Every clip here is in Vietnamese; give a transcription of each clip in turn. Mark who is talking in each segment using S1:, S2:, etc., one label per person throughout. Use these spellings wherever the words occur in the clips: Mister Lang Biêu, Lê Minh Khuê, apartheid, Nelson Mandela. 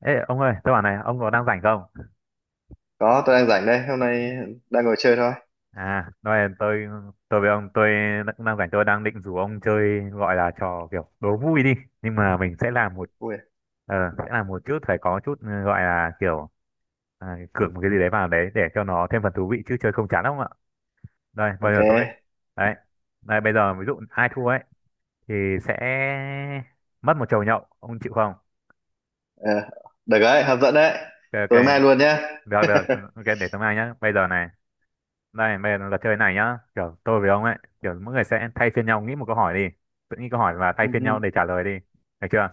S1: Ê, ông ơi, tôi bảo này, ông có đang rảnh không?
S2: Có, tôi đang rảnh đây, hôm nay đang ngồi chơi thôi.
S1: À, nói tôi tôi với ông cũng đang rảnh, tôi đang định rủ ông chơi gọi là trò kiểu đố vui đi, nhưng mà mình sẽ làm một
S2: Ui,
S1: sẽ làm một chút phải có chút gọi là kiểu cược một cái gì đấy vào đấy để cho nó thêm phần thú vị chứ chơi không chán không ạ? Đây, bây
S2: ok.
S1: giờ tôi đấy. Đây bây giờ ví dụ ai thua ấy thì sẽ mất một chầu nhậu, ông chịu không?
S2: Ờ, được đấy, hấp dẫn đấy.
S1: Ok ok,
S2: Tối mai luôn nhá.
S1: được được, ok để tôi mai nhá. Bây giờ này đây, bây giờ là chơi này nhá. Kiểu tôi với ông ấy, kiểu mỗi người sẽ thay phiên nhau nghĩ một câu hỏi đi. Tự nghĩ câu hỏi và thay
S2: Ừ,
S1: phiên nhau để trả lời đi. Được chưa?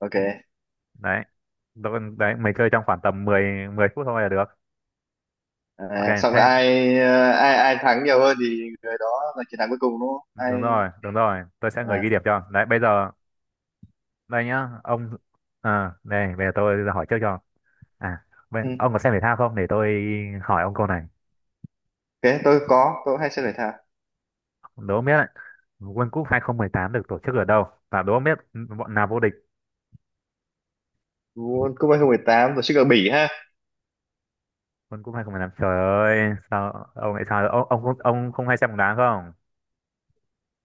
S2: ok.
S1: Đấy. Tôi, đấy, mình chơi trong khoảng tầm 10 10 phút thôi là được. Ok,
S2: À, xong rồi
S1: thế
S2: ai ờ, ai ai thắng nhiều hơn thì người đó là chiến thắng cuối cùng đúng không?
S1: đúng
S2: Ai
S1: rồi, đúng rồi. Tôi sẽ người
S2: à,
S1: ghi điểm cho. Đấy, bây giờ đây nhá, ông đây, bây giờ tôi hỏi trước cho. Bây,
S2: ừ.
S1: ông có xem thể thao không để tôi hỏi ông câu này.
S2: Ok, tôi có, tôi cũng hay xem thể thao.
S1: Đố ông biết đấy, World Cup 2018 được tổ chức ở đâu? Và đố ông biết bọn nào vô địch?
S2: World Cup 2018 tổ chức ở Bỉ ha.
S1: World Cup 2015, trời ơi sao ông lại sao ông không hay xem bóng đá không?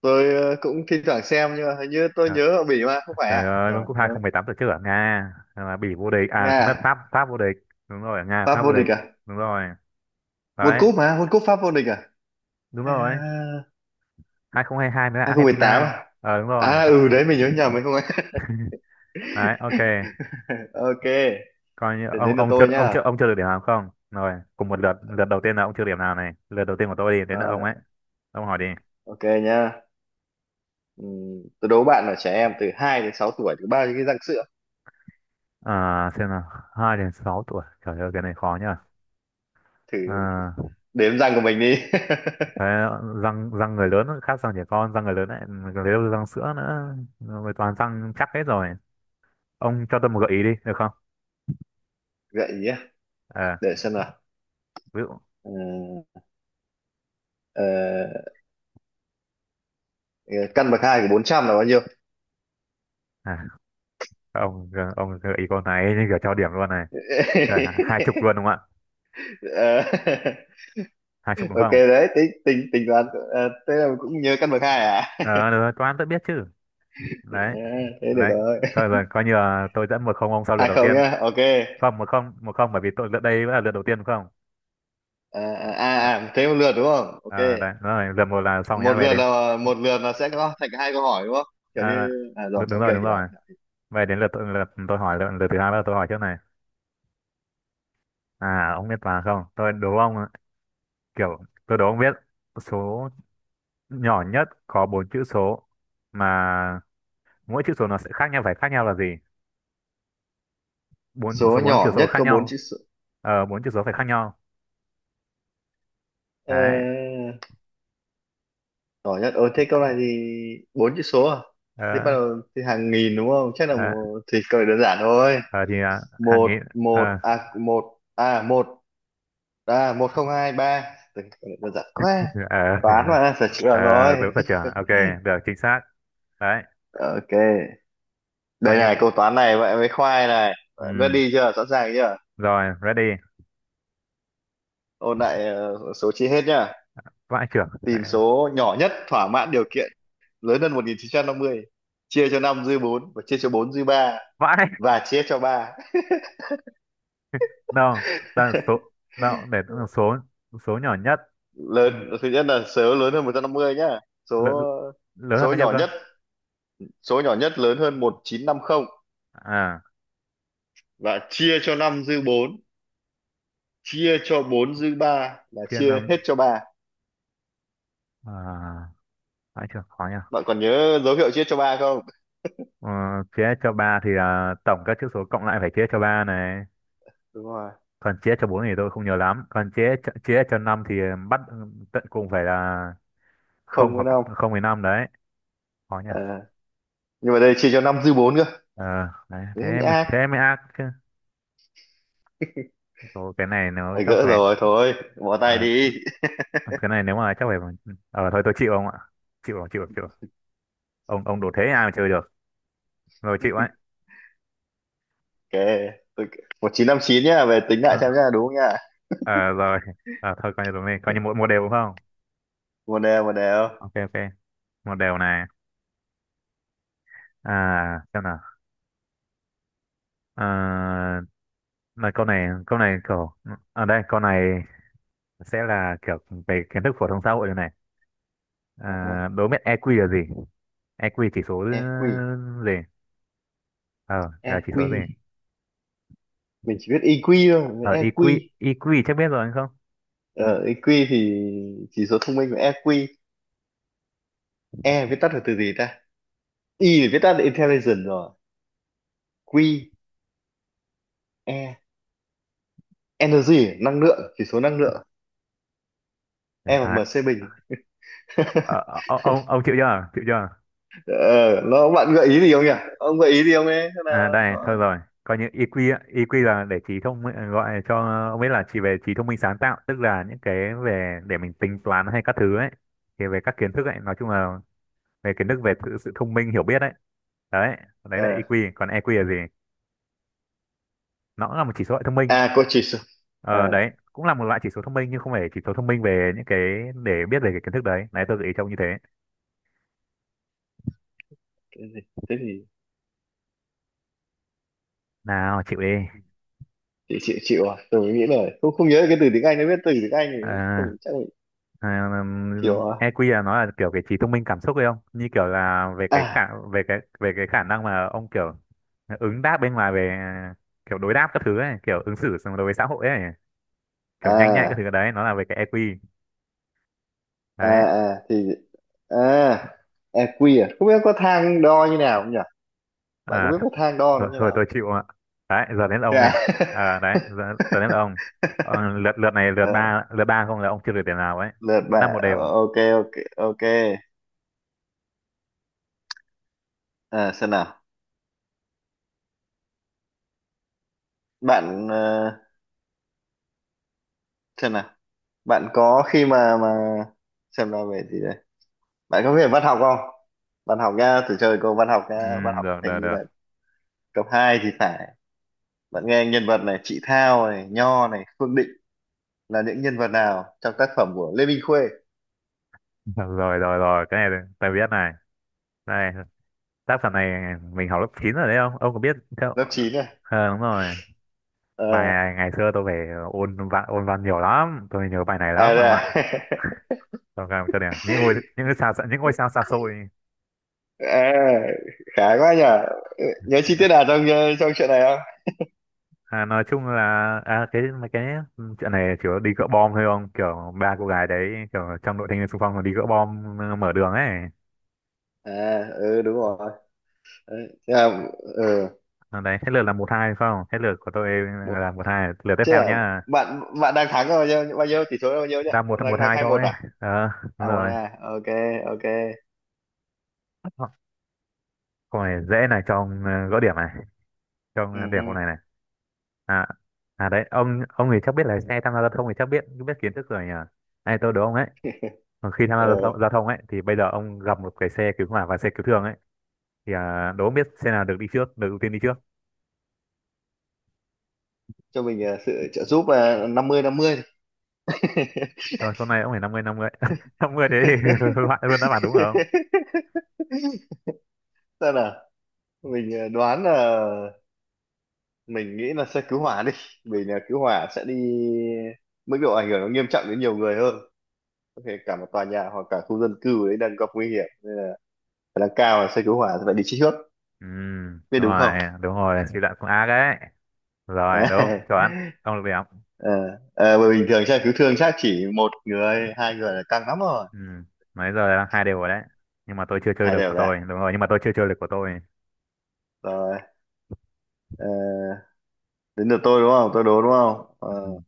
S2: Tôi cũng thi thoảng xem nhưng mà hình như tôi
S1: Trời,
S2: nhớ ở Bỉ mà không phải
S1: trời
S2: à?
S1: ơi,
S2: Trời
S1: World Cup
S2: ơi.
S1: 2018 tổ chức ở Nga mà Bỉ vô địch à,
S2: Nga
S1: không
S2: à?
S1: biết, Pháp Pháp vô địch, đúng rồi ở Nga
S2: Pháp
S1: Pháp vô
S2: vô địch
S1: địch,
S2: à?
S1: đúng rồi,
S2: World
S1: đấy
S2: Cup mà, World Cup Pháp vô địch à?
S1: đúng
S2: À,
S1: rồi, 2022 mới là
S2: 2018
S1: Argentina.
S2: à?
S1: Ờ đúng rồi,
S2: À ừ đấy mình nhớ nhầm mình không ấy.
S1: đấy ok,
S2: Ok,
S1: coi như
S2: thì
S1: ông
S2: đến lượt
S1: ông chưa
S2: tôi
S1: ông chưa
S2: nhá.
S1: ông chưa được điểm nào, không rồi cùng một lượt, lượt đầu tiên là ông chưa điểm nào này, lượt đầu tiên của tôi đi đến lượt ông
S2: À,
S1: ấy, ông hỏi đi.
S2: ok nhá. Tôi đố bạn là trẻ em từ 2 đến 6 tuổi có bao nhiêu cái răng sữa?
S1: À xem nào, hai đến sáu tuổi, trời ơi cái này khó nhá.
S2: Thử
S1: À,
S2: đếm răng của mình đi.
S1: Đấy, răng răng người lớn khác răng trẻ con, răng người lớn lại lấy răng sữa nữa rồi toàn răng chắc hết rồi, ông cho tôi một gợi ý đi được không?
S2: Gợi ý à?
S1: à,
S2: Để xem nào.
S1: ví dụ
S2: Ờ, ờ, ờ, Căn bậc hai của 400 là bao nhiêu?
S1: à, ông gợi ý con này như kiểu cho điểm luôn này. Trời, 20 luôn đúng không ạ?
S2: Ờ,
S1: 20 đúng
S2: ok
S1: không?
S2: đấy, tính tính tính toán. Thế là cũng nhớ căn bậc hai à?
S1: Ờ được rồi, toán tôi biết chứ. Đấy.
S2: Ờ, thế được
S1: Đấy
S2: rồi.
S1: thôi rồi coi như là tôi dẫn một không ông sau lượt
S2: Hai
S1: đầu
S2: không
S1: tiên,
S2: nhá. Ok.
S1: không một không một không bởi vì tôi lượt đây vẫn là lượt đầu tiên đúng không? Đã-
S2: Thế một lượt đúng không? Ok.
S1: đấy đúng rồi lượt một là xong nhá
S2: Một
S1: về
S2: lượt
S1: đến
S2: là sẽ có thành hai câu hỏi đúng không, kiểu
S1: à,
S2: như.
S1: à,
S2: À rồi,
S1: đúng
S2: ok,
S1: đúng rồi
S2: hiểu.
S1: Vậy đến lượt tôi- lượt tôi hỏi, lượt, lượt thứ hai là tôi hỏi trước này. À, ông biết mà không? Tôi đố ông, ạ. Kiểu, tôi đố ông biết số nhỏ nhất có bốn chữ số mà mỗi chữ số nó sẽ khác nhau, phải khác nhau là gì? Bốn, số
S2: Số
S1: bốn chữ
S2: nhỏ
S1: số
S2: nhất
S1: khác
S2: có bốn
S1: nhau.
S2: chữ số,
S1: Ờ, bốn chữ số phải khác nhau.
S2: ờ,
S1: Đấy.
S2: nhỏ nhất. Ờ thế câu này thì bốn chữ số à, thì bắt
S1: Ờ,
S2: đầu thì hàng nghìn đúng không, chắc là
S1: ờ,
S2: một, thì câu này đơn giản thôi.
S1: ờ, thì hàng
S2: Một
S1: nghìn, ờ,
S2: một à một à một à Một không hai ba. Tưởng câu này đơn giản quá,
S1: ờ,
S2: toán mà phải chịu
S1: ờ,
S2: được rồi.
S1: đúng rồi trưởng. Ok, được, chính xác. Đấy,
S2: Ok,
S1: coi
S2: đây
S1: như,
S2: này, câu toán này vậy với khoai này.
S1: ừ,
S2: Ready chưa, sẵn sàng chưa?
S1: rồi, ready.
S2: Ôn lại. Ờ, Số chi hết nhá,
S1: Vãi trưởng.
S2: tìm số nhỏ nhất thỏa mãn điều kiện lớn hơn 1950, chia cho 5 dư 4 và chia cho 4 dư 3
S1: Vãi.
S2: và chia cho 3.
S1: No, là số no, để số số nhỏ nhất, ừ.
S2: Lớn, thứ nhất là số lớn hơn 150 nhá. số
S1: Lớn, lớn hơn
S2: số
S1: bao nhiêu
S2: nhỏ
S1: cơ?
S2: nhất, số nhỏ nhất lớn hơn 1950
S1: À,
S2: và chia cho 5 dư 4, chia cho 4 dư 3, là
S1: chia
S2: chia
S1: năm
S2: hết cho 3.
S1: à, phải chưa khó nhỉ.
S2: Bạn còn nhớ dấu hiệu chia cho 3 không?
S1: Ờ, chia cho ba thì tổng các chữ số cộng lại phải chia cho ba này.
S2: Đúng rồi.
S1: Còn chia cho bốn thì tôi không nhớ lắm. Còn chia cho năm thì bắt tận cùng phải là không
S2: Không với
S1: hoặc
S2: 5.
S1: không với năm đấy. Khó nhỉ.
S2: À, nhưng mà đây chia cho 5 dư 4 cơ.
S1: Ờ, đấy,
S2: Đấy mới ác.
S1: thế mới ác chứ. Ồ, cái này nó
S2: Phải
S1: chắc
S2: gỡ
S1: phải
S2: rồi, thôi bỏ tay
S1: ờ,
S2: đi.
S1: cái này nếu mà chắc phải, thôi tôi chịu không ạ? Chịu rồi, chịu rồi, chịu rồi. Ông đủ thế ai mà chơi được rồi chịu ấy.
S2: Ok, tôi... 1959 nhá, về tính lại
S1: Ờ
S2: xem nhá, đúng không nhá?
S1: ờ, rồi. Ờ, thôi coi như đúng đi coi như mỗi một đều đúng không?
S2: Một đều, một đều.
S1: Ok ok, một đều này. À xem nào, à, là câu này kiểu ở đây câu này sẽ là kiểu về kiến thức phổ thông xã hội rồi này.
S2: À ha,
S1: Đố biết EQ là gì? EQ chỉ số
S2: EQ,
S1: gì? Ờ là chỉ số
S2: EQ.
S1: gì?
S2: Mình chỉ biết EQ thôi, mình biết
S1: Ờ EQ,
S2: EQ.
S1: EQ chắc biết rồi anh không?
S2: Ờ, EQ thì chỉ số thông minh của EQ. E viết tắt là từ gì ta? I thì viết tắt là intelligence rồi. Q, E, energy, năng lượng, chỉ số năng lượng. E bằng
S1: Sai.
S2: MC bình.
S1: Ờ, ông chịu chưa chịu chưa?
S2: Ờ, nó bạn gợi ý gì không nhỉ? Ông gợi ý gì không ấy? Thế là
S1: À đây, thôi
S2: có...
S1: rồi. Coi như EQ á, EQ là để trí thông minh- gọi cho ông biết là chỉ về trí thông minh sáng tạo, tức là những cái về để mình tính toán hay các thứ ấy. Thì về các kiến thức ấy, nói chung là về kiến thức về sự thông minh hiểu biết ấy. Đấy, đấy là
S2: Ờ,
S1: EQ, còn EQ là gì? Nó cũng là một chỉ số hệ thông minh.
S2: À, có chỉ số. Ờ,
S1: Ờ đấy, cũng là một loại chỉ số thông minh nhưng không phải chỉ số thông minh về những cái để biết về cái kiến thức đấy. Đấy tôi gợi ý cho ông như thế.
S2: cái gì? Thế thì...
S1: Nào, chịu đi.
S2: chịu, tôi nghĩ là không, không nhớ cái từ tiếng Anh, nó biết từ tiếng Anh thì
S1: Ờ.
S2: không chắc mình.
S1: À,
S2: Chịu à
S1: EQ là nó là kiểu cái trí thông minh cảm xúc ấy không? Như kiểu là về cái khả,
S2: à
S1: về cái khả năng mà ông kiểu ứng đáp bên ngoài về kiểu đối đáp các thứ ấy, kiểu ứng xử xong đối với xã hội ấy, kiểu nhanh nhạy các
S2: à
S1: thứ đấy, nó là về cái EQ.
S2: à
S1: Đấy.
S2: à thì à à quy, à không biết có thang đo như nào không nhỉ, bạn có
S1: À,
S2: biết
S1: th
S2: cái thang đo nó
S1: thôi,
S2: như
S1: thôi tôi
S2: nào.
S1: chịu ạ. Đấy, giờ đến ông
S2: Dạ.
S1: này. À, đấy, giờ, giờ đến ông. Ờ, lượt lượt này lượt
S2: À,
S1: ba, lượt ba không là ông chưa được điểm nào ấy.
S2: lượt
S1: Vẫn là
S2: bạn.
S1: một
S2: Ờ,
S1: đều.
S2: ok, ok, ok. À, xem nào. bạn ờ, xem nào. Bạn có khi mà Xem nào về gì đây, bạn có về văn học không? Văn học nha, thử chơi câu văn học
S1: Ừ,
S2: nha. Văn học
S1: được
S2: hình
S1: được
S2: như
S1: được.
S2: là cấp 2 thì phải. Bạn nghe nhân vật này, chị Thao này, Nho này, Phương Định, là những nhân vật nào trong tác phẩm của Lê Minh Khuê?
S1: Được rồi rồi rồi, cái này tôi biết này. Đây, tác phẩm này mình học lớp 9 rồi đấy không ông có biết theo.
S2: Lớp chín này.
S1: Ờ đúng rồi, bài
S2: Ờ.
S1: này ngày xưa tôi phải ôn văn nhiều lắm tôi nhớ bài này lắm
S2: À,
S1: không ạ.
S2: dạ.
S1: Tôi cảm cho đẹp những ngôi sao xa xôi.
S2: À, khá quá nhở. Ừ, nhớ chi tiết nào trong trong chuyện này không?
S1: Nói chung là cái mấy cái chuyện này chỉ có đi gỡ bom thôi không, kiểu ba cô gái đấy kiểu trong đội thanh niên xung phong còn đi gỡ bom, mở đường ấy.
S2: À ừ đúng rồi. Đấy, thế là, ừ,
S1: À, đấy hết lượt là một hai phải không hết lượt của tôi
S2: một
S1: là một hai lượt tiếp
S2: chứ.
S1: theo
S2: Là
S1: nhá,
S2: bạn bạn đang thắng bao nhiêu, bao nhiêu, tỷ số là bao nhiêu nhỉ?
S1: đang một
S2: Đang
S1: một
S2: thắng
S1: hai
S2: hai
S1: thôi.
S2: một à?
S1: Ờ
S2: À
S1: đúng
S2: một
S1: rồi
S2: à? Ok, ok.
S1: câu này dễ này cho ông gỡ điểm. Không à, đẹp hôm
S2: Ừ,
S1: này này. à đấy ông thì chắc biết lái xe tham gia giao thông thì chắc biết biết kiến thức rồi nhỉ, này tôi đố ông ấy, còn khi tham gia
S2: ừ.
S1: giao thông ấy thì bây giờ ông gặp một cái xe cứu hỏa và xe cứu thương ấy, thì đố ông biết xe nào được đi trước được ưu tiên đi trước.
S2: Cho mình sự trợ giúp là năm mươi năm mươi.
S1: Rồi con này ông phải năm năm mươi năm mươi thế thì loại luôn đáp án đúng không?
S2: Sao nào? Mình đoán là, mình nghĩ là sẽ cứu hỏa đi. Vì là cứu hỏa sẽ đi, mức độ ảnh hưởng nó nghiêm trọng đến nhiều người hơn. Có thể cả một tòa nhà hoặc cả khu dân cư đấy đang gặp nguy hiểm. Khả năng cao là xe cứu hỏa sẽ phải đi trước.
S1: Ừ
S2: Biết
S1: đúng
S2: đúng không?
S1: rồi, đúng rồi suy luận cũng ác đấy, rồi đúng chuẩn, ông được điểm.
S2: Ờ, ờ, bởi bình thường xe cứu thương chắc chỉ một người, hai người là căng lắm rồi.
S1: Ừ nãy giờ là hai đều rồi đấy, nhưng mà tôi chưa chơi
S2: Hai
S1: được
S2: đều
S1: của tôi
S2: là.
S1: đúng rồi nhưng mà tôi chưa chơi được của tôi.
S2: Rồi, ờ, đến lượt tôi đúng không? Tôi đố đúng không?
S1: Ừ.
S2: Ờ,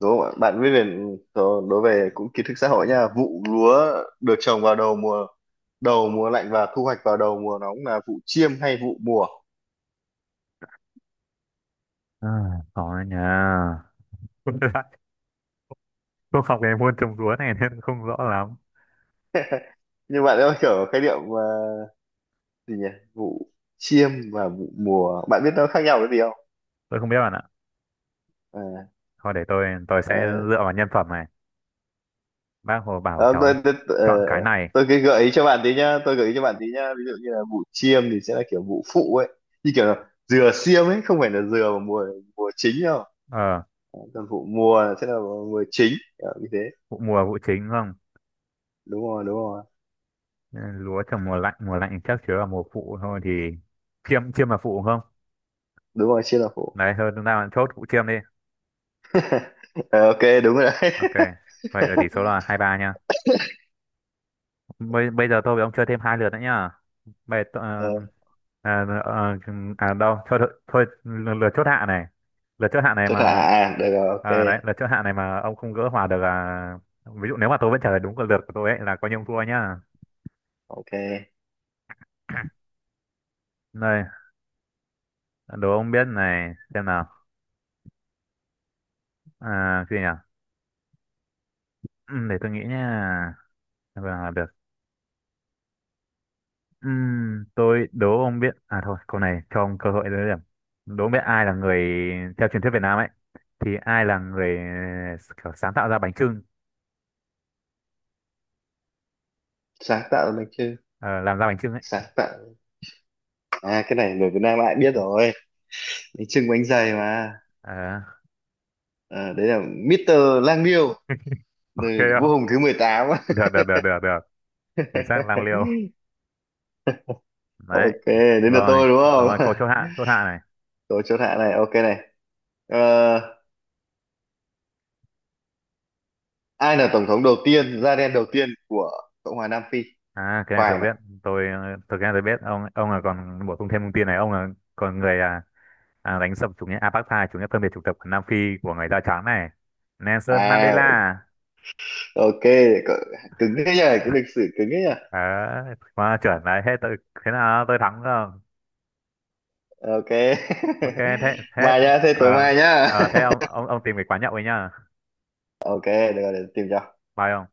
S2: đúng không ạ? Bạn viết về đó- đối về cũng kiến thức xã hội nha. Vụ lúa được trồng vào đầu mùa lạnh và thu hoạch vào đầu mùa nóng là vụ chiêm hay vụ mùa?
S1: à, có đấy nhá. Không biết lại. Không học về môn trồng lúa này nên không rõ lắm.
S2: Nhưng bạn ơi, kiểu khái niệm mà gì nhỉ? Vụ chiêm và vụ mùa. Bạn biết nó khác nhau cái gì không?
S1: Tôi không biết bạn ạ.
S2: À,
S1: Thôi để tôi sẽ
S2: ờ,
S1: dựa vào nhân phẩm này. Bác Hồ bảo
S2: không,
S1: cháu
S2: tôi
S1: chọn cái này.
S2: tôi cái gợi ý cho bạn tí nhá, tôi gợi ý cho bạn tí nhá. Ví dụ như là vụ chiêm thì sẽ là kiểu vụ phụ ấy, như kiểu là dừa xiêm ấy, không phải là dừa mà mùa mùa chính đâu.
S1: Ờ,
S2: Còn vụ mùa sẽ là mùa chính, kiểu như thế.
S1: vụ mùa vụ chính không?
S2: Đúng rồi, đúng rồi,
S1: Ừ, lúa trồng mùa lạnh chắc chứa vào mùa phụ thôi thì chiêm chiêm là phụ không?
S2: đúng rồi, chia là phụ.
S1: Đấy thôi chúng ta chốt vụ chiêm đi.
S2: Ờ, ok, đúng rồi đấy.
S1: Ok. Vậy là tỷ số là 2-3 nha. Bây giờ tôi với ông chơi thêm hai lượt nữa nhá. Bây,
S2: Ờ,
S1: ờ, à, à, à đâu thôi thôi, thôi lượt lượt chốt hạ này, lượt chốt hạ này
S2: chỗ thả
S1: mà
S2: à, được rồi, ok,
S1: đấy lượt chốt hạ này mà ông không gỡ hòa được là ví dụ nếu mà tôi vẫn trả lời đúng cái lượt của tôi ấy là coi như ông thua nhá.
S2: ok.
S1: Đây đố ông biết này xem nào cái gì nhỉ. Để tôi nghĩ nhá và được. Tôi đố ông biết thôi câu này cho ông cơ hội lấy điểm, đố ông biết ai là người theo truyền thuyết Việt Nam ấy thì ai là người kiểu sáng tạo ra bánh chưng,
S2: Sáng tạo là bánh chưng,
S1: ờ, làm ra bánh chưng ấy.
S2: sáng tạo. À cái này người Việt Nam ai biết rồi, bánh chưng bánh dày mà.
S1: Ờ,
S2: Ờ, đấy là Mister Lang Biêu,
S1: ok
S2: người vua hùng thứ mười tám.
S1: được được được được được, chính xác lang liêu. Đấy
S2: Ok, đến lượt
S1: rồi,
S2: tôi đúng
S1: đúng rồi
S2: không?
S1: câu chốt hạ này.
S2: Tôi chỗ thả này, ok này. Ờ, ai là tổng thống đầu tiên, da đen đầu tiên của Cộng hòa Nam Phi?
S1: Cái này tôi
S2: Khoai này.
S1: biết. Tôi thực ra tôi biết ông là còn bổ sung thêm thông tin này ông là còn người, đánh sập chủ nghĩa apartheid chủ nghĩa phân biệt chủng tộc ở Nam Phi của người da trắng này. Nelson
S2: À,
S1: Mandela.
S2: ok. Cỡ- cứng thế nhỉ, cái lịch sử cứng thế nhỉ.
S1: Ờ mà chuẩn đấy thế tôi thế nào tôi thắng rồi.
S2: Ok.
S1: Ok thế thế,
S2: Mai nhá, thế tối
S1: ờ
S2: mai nhá.
S1: ờ, thế ông ông tìm cái quán nhậu ấy nhá.
S2: Ok, được rồi, để tìm cho.
S1: Bye ông.